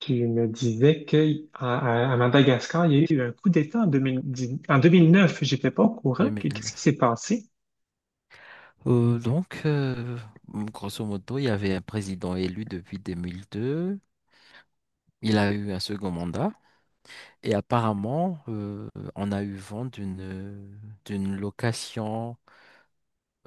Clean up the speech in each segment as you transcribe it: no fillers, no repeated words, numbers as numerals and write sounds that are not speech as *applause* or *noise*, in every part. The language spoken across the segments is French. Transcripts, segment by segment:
Qui me disait que à Madagascar, il y a eu un coup d'État en 2010, en 2009. J'étais pas au courant. Qu'est-ce qui 2009. s'est passé? Donc, grosso modo, il y avait un président élu depuis 2002. Il a eu un second mandat. Et apparemment, on a eu vent d'une location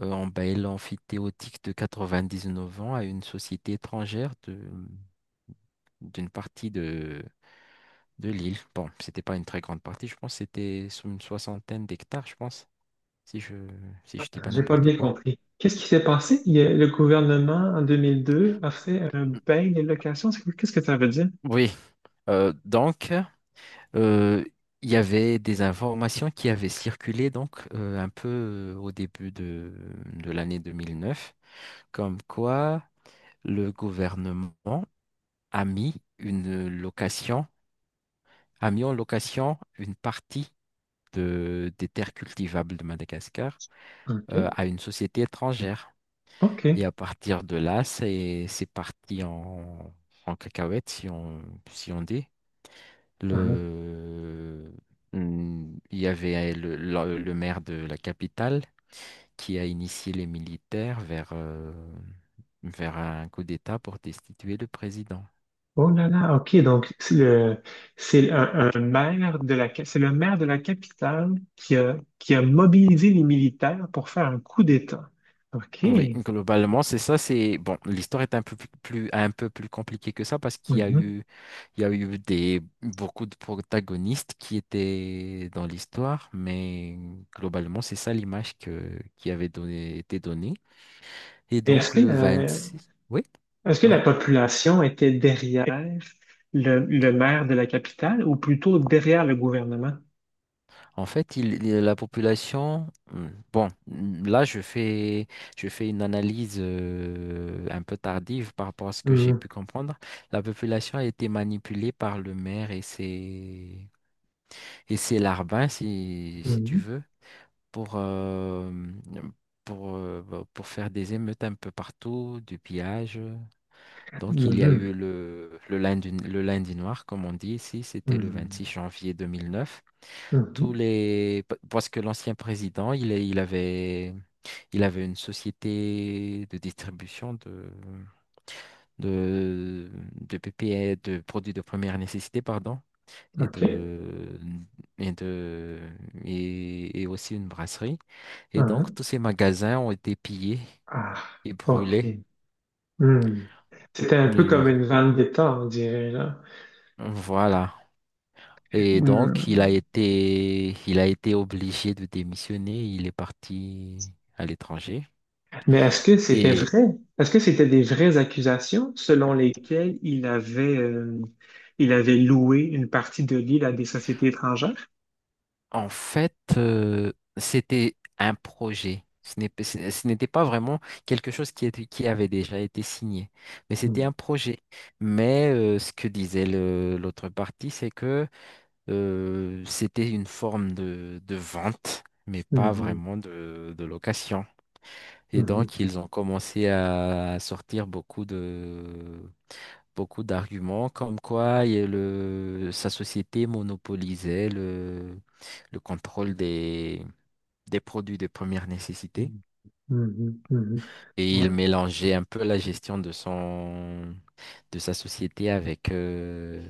en bail amphithéotique de 99 ans à une société étrangère de d'une partie de l'île. Bon, c'était pas une très grande partie, je pense que c'était sous une soixantaine d'hectares, je pense, si je si je dis pas J'ai pas n'importe bien quoi. compris. Qu'est-ce qui s'est passé? Le gouvernement, en 2002, a fait un bail des locations. Qu'est-ce que ça veut dire? Oui, donc. Euh, il y avait des informations qui avaient circulé donc, un peu, au début de l'année 2009, comme quoi le gouvernement a mis une location, a mis en location une partie des terres cultivables de Madagascar, OK. à une société étrangère. Et OK. à partir de là, c'est parti en cacahuète, si on dit. Uh-huh. Le... Il y avait le maire de la capitale qui a initié les militaires vers un coup d'État pour destituer le président. Oh là là, OK. Donc, c'est le, c'est un maire de la, ca- C'est le maire de la capitale qui a mobilisé les militaires pour faire un coup d'État. OK. Oui, globalement, c'est ça. C'est bon, l'histoire est un peu un peu plus compliquée que ça parce qu'Mhm. Il y a eu des beaucoup de protagonistes qui étaient dans l'histoire, mais globalement, c'est ça l'image que qui avait été donnée. Et Et donc le 26. Oui, est-ce que la pardon. population était derrière le maire de la capitale ou plutôt derrière le gouvernement? En fait, la population. Hmm. Bon, je fais une analyse, un peu tardive par rapport à ce que j'ai Mhm. pu comprendre. La population a été manipulée par le maire et ses larbins, si tu Mhm. veux, pour, euh, pour faire des émeutes un peu partout, du pillage. Donc il y a Mhm. eu le lundi noir, comme on dit ici, c'était le Mhm. 26 janvier 2009. Mhm. Parce que l'ancien président, il avait une société de distribution de de PPE, de produits de première nécessité, pardon, et OK. de et de et aussi une brasserie. Et donc uh tous ces magasins ont été pillés Ah, et OK. brûlés. Hmm. C'était un peu comme Leur- une vendetta, on dirait, là. voilà. Et donc Hmm. Il a été obligé de démissionner. Il est parti à l'étranger. Mais est-ce que c'était Et vrai? Est-ce que c'était des vraies accusations selon lesquelles il avait loué une partie de l'île à des sociétés étrangères? En fait, c'était un projet. Ce n'était pas vraiment quelque chose qui avait déjà été signé, mais c'était Hmm. un projet. Mais, ce que disait l'autre partie, c'est que, c'était une forme de vente, mais pas Mhm. vraiment de location. Et Mhm. donc, ils ont commencé à sortir beaucoup d'arguments comme quoi il y a le, sa société monopolisait le contrôle des produits de première nécessité. Mhm. Mhm. Mhm. Et il Ouais. mélangeait un peu la gestion de sa société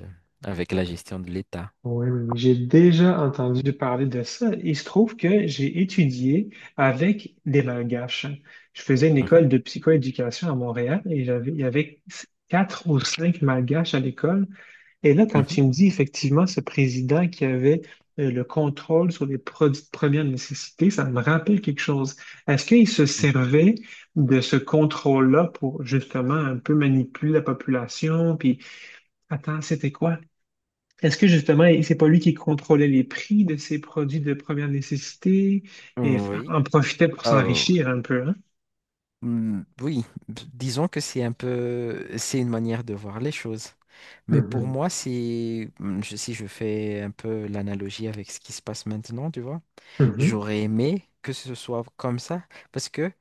avec la gestion de l'État. Oui, oui, oui. J'ai déjà entendu parler de ça. Il se trouve que j'ai étudié avec des Malgaches. Je faisais une Mhm, école de psychoéducation à Montréal, et il y avait quatre ou cinq Malgaches à l'école. Et là, quand tu me dis effectivement ce président qui avait le contrôle sur les produits de première nécessité, ça me rappelle quelque chose. Est-ce qu'il se mhm. servait de ce contrôle-là pour justement un peu manipuler la population? Puis, attends, c'était quoi? Est-ce que justement, et c'est pas lui qui contrôlait les prix de ses produits de première nécessité Oui. en profitait pour s'enrichir un peu, hein? Hmm, oui, disons que c'est un peu, c'est une manière de voir les choses. Mais pour Mhm, moi, si je fais un peu l'analogie avec ce qui se passe maintenant, tu vois, mhm, j'aurais aimé que ce soit comme ça, parce que,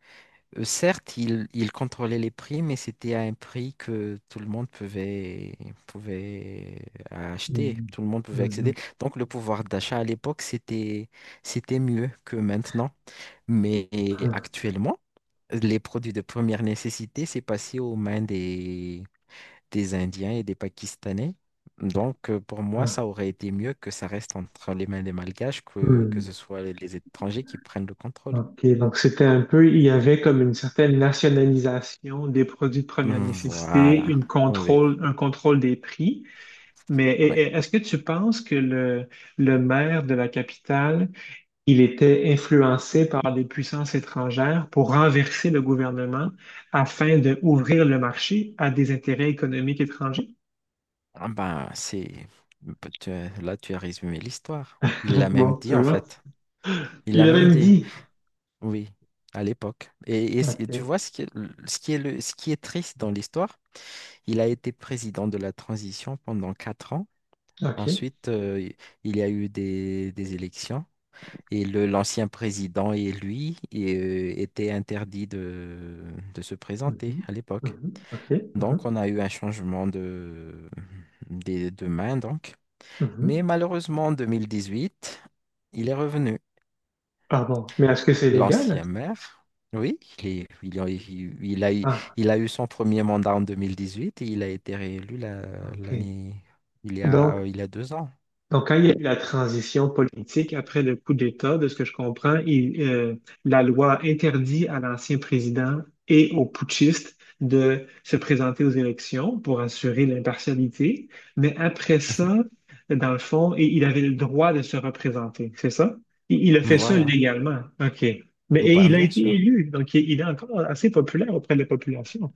certes, ils il contrôlait les prix, mais c'était à un prix que tout le monde pouvait acheter, mhm, tout le monde pouvait accéder. mhm, Donc le pouvoir d'achat à l'époque, c'était mieux que maintenant. Mais ah, actuellement, les produits de première nécessité, c'est passé aux mains des Indiens et des Pakistanais. Donc, pour moi, ah, ça aurait été mieux que ça reste entre les mains des Malgaches que hmm. ce soit les étrangers qui prennent le contrôle. OK, donc c'était un peu, il y avait comme une certaine nationalisation des produits de première nécessité, Voilà. Oui, un contrôle des prix. Mais oui. Est-ce que tu penses que le maire de la capitale il était influencé par des puissances étrangères pour renverser le gouvernement afin d'ouvrir le marché à des intérêts économiques étrangers? Ah ben, c'est... Là, tu as résumé l'histoire. Il l'a *laughs* même Bon, dit, tu en vois. fait. Il l'a Il a même même dit, dit. oui, à l'époque. Et tu OK, vois, ce qui est triste dans l'histoire, il a été président de la transition pendant 4 ans. OK. Ensuite, il y a eu des élections. Et l'ancien président et lui étaient interdits de se présenter Mhm, à l'époque. mhm, OK. Donc, Mhm, on a eu un changement de main, donc. mhm. Mais malheureusement, en 2018, il est revenu. Ah bon, mais est-ce que c'est légal? L'ancien maire, oui, Ah, il a eu son premier mandat en 2018 et il a été réélu OK. l'année, Donc, il y a 2 ans. Donc, quand il y a eu la transition politique après le coup d'État, de ce que je comprends, la loi interdit à l'ancien président et aux putschistes de se présenter aux élections pour assurer l'impartialité. Mais après ça, dans le fond, il avait le droit de se représenter, c'est ça? Il a fait ça Voilà, légalement. OK. Mais et ben, il a bien été sûr. élu, il est encore assez populaire auprès de la population.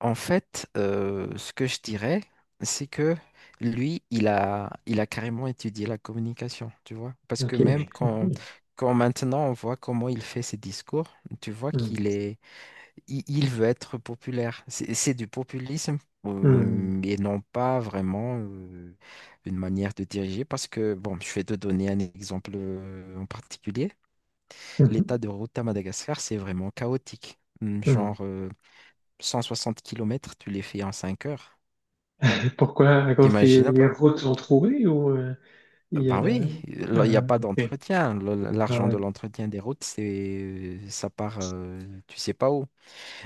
En fait, ce que je dirais, c'est que lui, il a carrément étudié la communication, tu vois. Parce que OK. *laughs* Quand maintenant on voit comment il fait ses discours, tu vois Hmm. Il veut être populaire. C'est du populisme, Hmm. Et non pas vraiment, une manière de diriger. Parce que, bon, je vais te donner un exemple, en particulier. Hmm. L'état de route à Madagascar, c'est vraiment chaotique. Hmm. Genre, 160 kilomètres, tu les fais en 5 heures. Pourquoi? À cause que T'imagines un les peu? routes sont trouées, ou il y a Ben oui, là, il n'y a ah, pas OK. d'entretien. Ah, L'argent de ouais. l'entretien des routes, c'est ça part, tu sais pas où.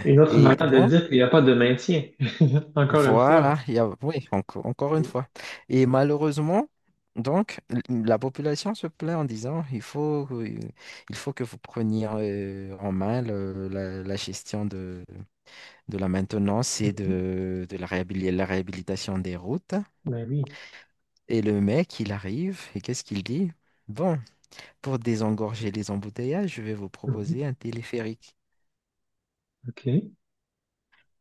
Une autre Et manière de donc... dire qu'il n'y a pas de maintien, *laughs* encore une fois. Voilà, il y a, oui, encore une fois. Et malheureusement, donc, la population se plaint en disant, il faut que vous preniez, en main la gestion de la maintenance Mhm. De la la réhabilitation des routes. Ben oui. Et le mec, il arrive, et qu'est-ce qu'il dit? Bon, pour désengorger les embouteillages, je vais vous Mhm. proposer un téléphérique. OK.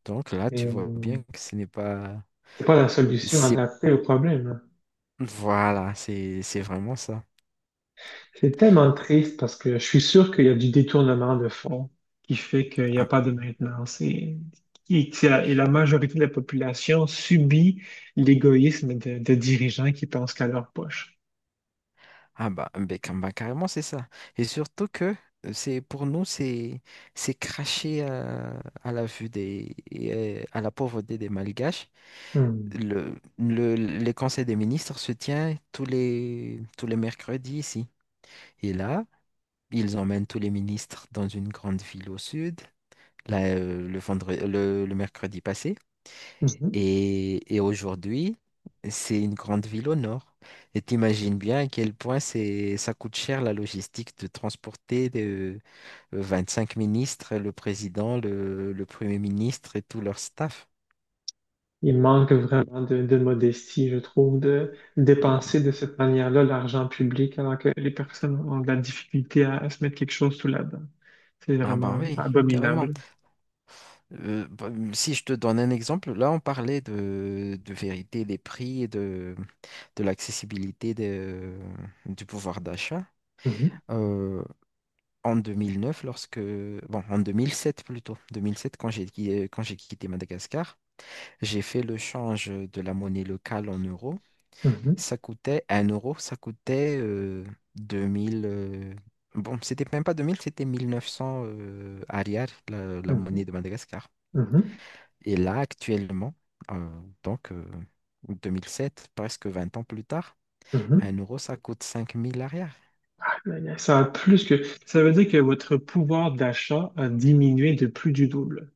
Donc là, tu vois euh, bien que ce n'est pas... c'est pas la solution C'est... adaptée au problème, hein. Voilà, c'est vraiment ça. C'est tellement triste parce que je suis sûr qu'il y a du détournement de fonds qui fait qu'il n'y a Ah, pas de maintenance. Et que la majorité de la population subit l'égoïsme de dirigeants qui pensent qu'à leur poche. ah bah, ben, bah, carrément c'est ça. Et surtout que, c'est pour nous c'est cracher, à la pauvreté des Malgaches. Hmm. Le Les conseils des ministres se tient tous les mercredis ici. Et là, ils emmènent tous les ministres dans une grande ville au sud. Là, le mercredi passé. Et aujourd'hui, c'est une grande ville au nord. Et t'imagines bien à quel point ça coûte cher la logistique de transporter de 25 ministres, le président, le premier ministre et tout leur staff. Il manque vraiment de modestie, je trouve, de dépenser de cette manière-là l'argent public alors que les personnes ont de la difficulté à se mettre quelque chose sous la dent. C'est Ah ben vraiment oui, carrément. abominable. Bah, si je te donne un exemple, là on parlait de vérité des prix de l'accessibilité du pouvoir d'achat. Mhm, Euh, En 2009, lorsque... Bon, en 2007 plutôt. 2007, quand j'ai quand j'ai quitté Madagascar, j'ai fait le change de la monnaie locale en euros. mhm, Ça coûtait un euro, ça coûtait, 2 000. Bon, c'était même pas 2 000, c'était 1900, arrière, la mhm, monnaie de Madagascar. mhm, Et là, actuellement, euh, donc, 2007, presque 20 ans plus tard, mhm. un euro, ça coûte 5 000 arrière. Aïe, aïe, ça a plus que, ça veut dire que votre pouvoir d'achat a diminué de plus du double.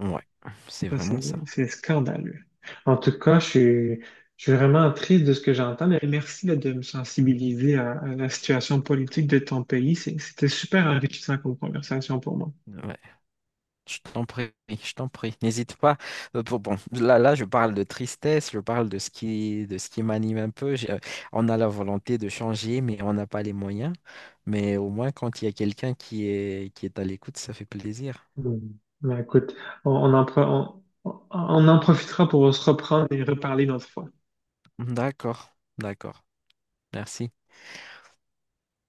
Ouais, c'est Ça, vraiment ça. c'est scandaleux. En tout cas, je suis vraiment triste de ce que j'entends. Mais merci là, de me sensibiliser à la situation politique de ton pays. C'était super enrichissant comme conversation pour moi. Ouais. Je t'en prie, je t'en prie. N'hésite pas. Bon, bon, là, je parle de tristesse, je parle de ce qui m'anime un peu. On a la volonté de changer, mais on n'a pas les moyens. Mais au moins, quand il y a qui est à l'écoute, ça fait plaisir. Hmm. Ben, écoute, on en profitera pour se reprendre et reparler une autre fois. D'accord, d'accord. Merci.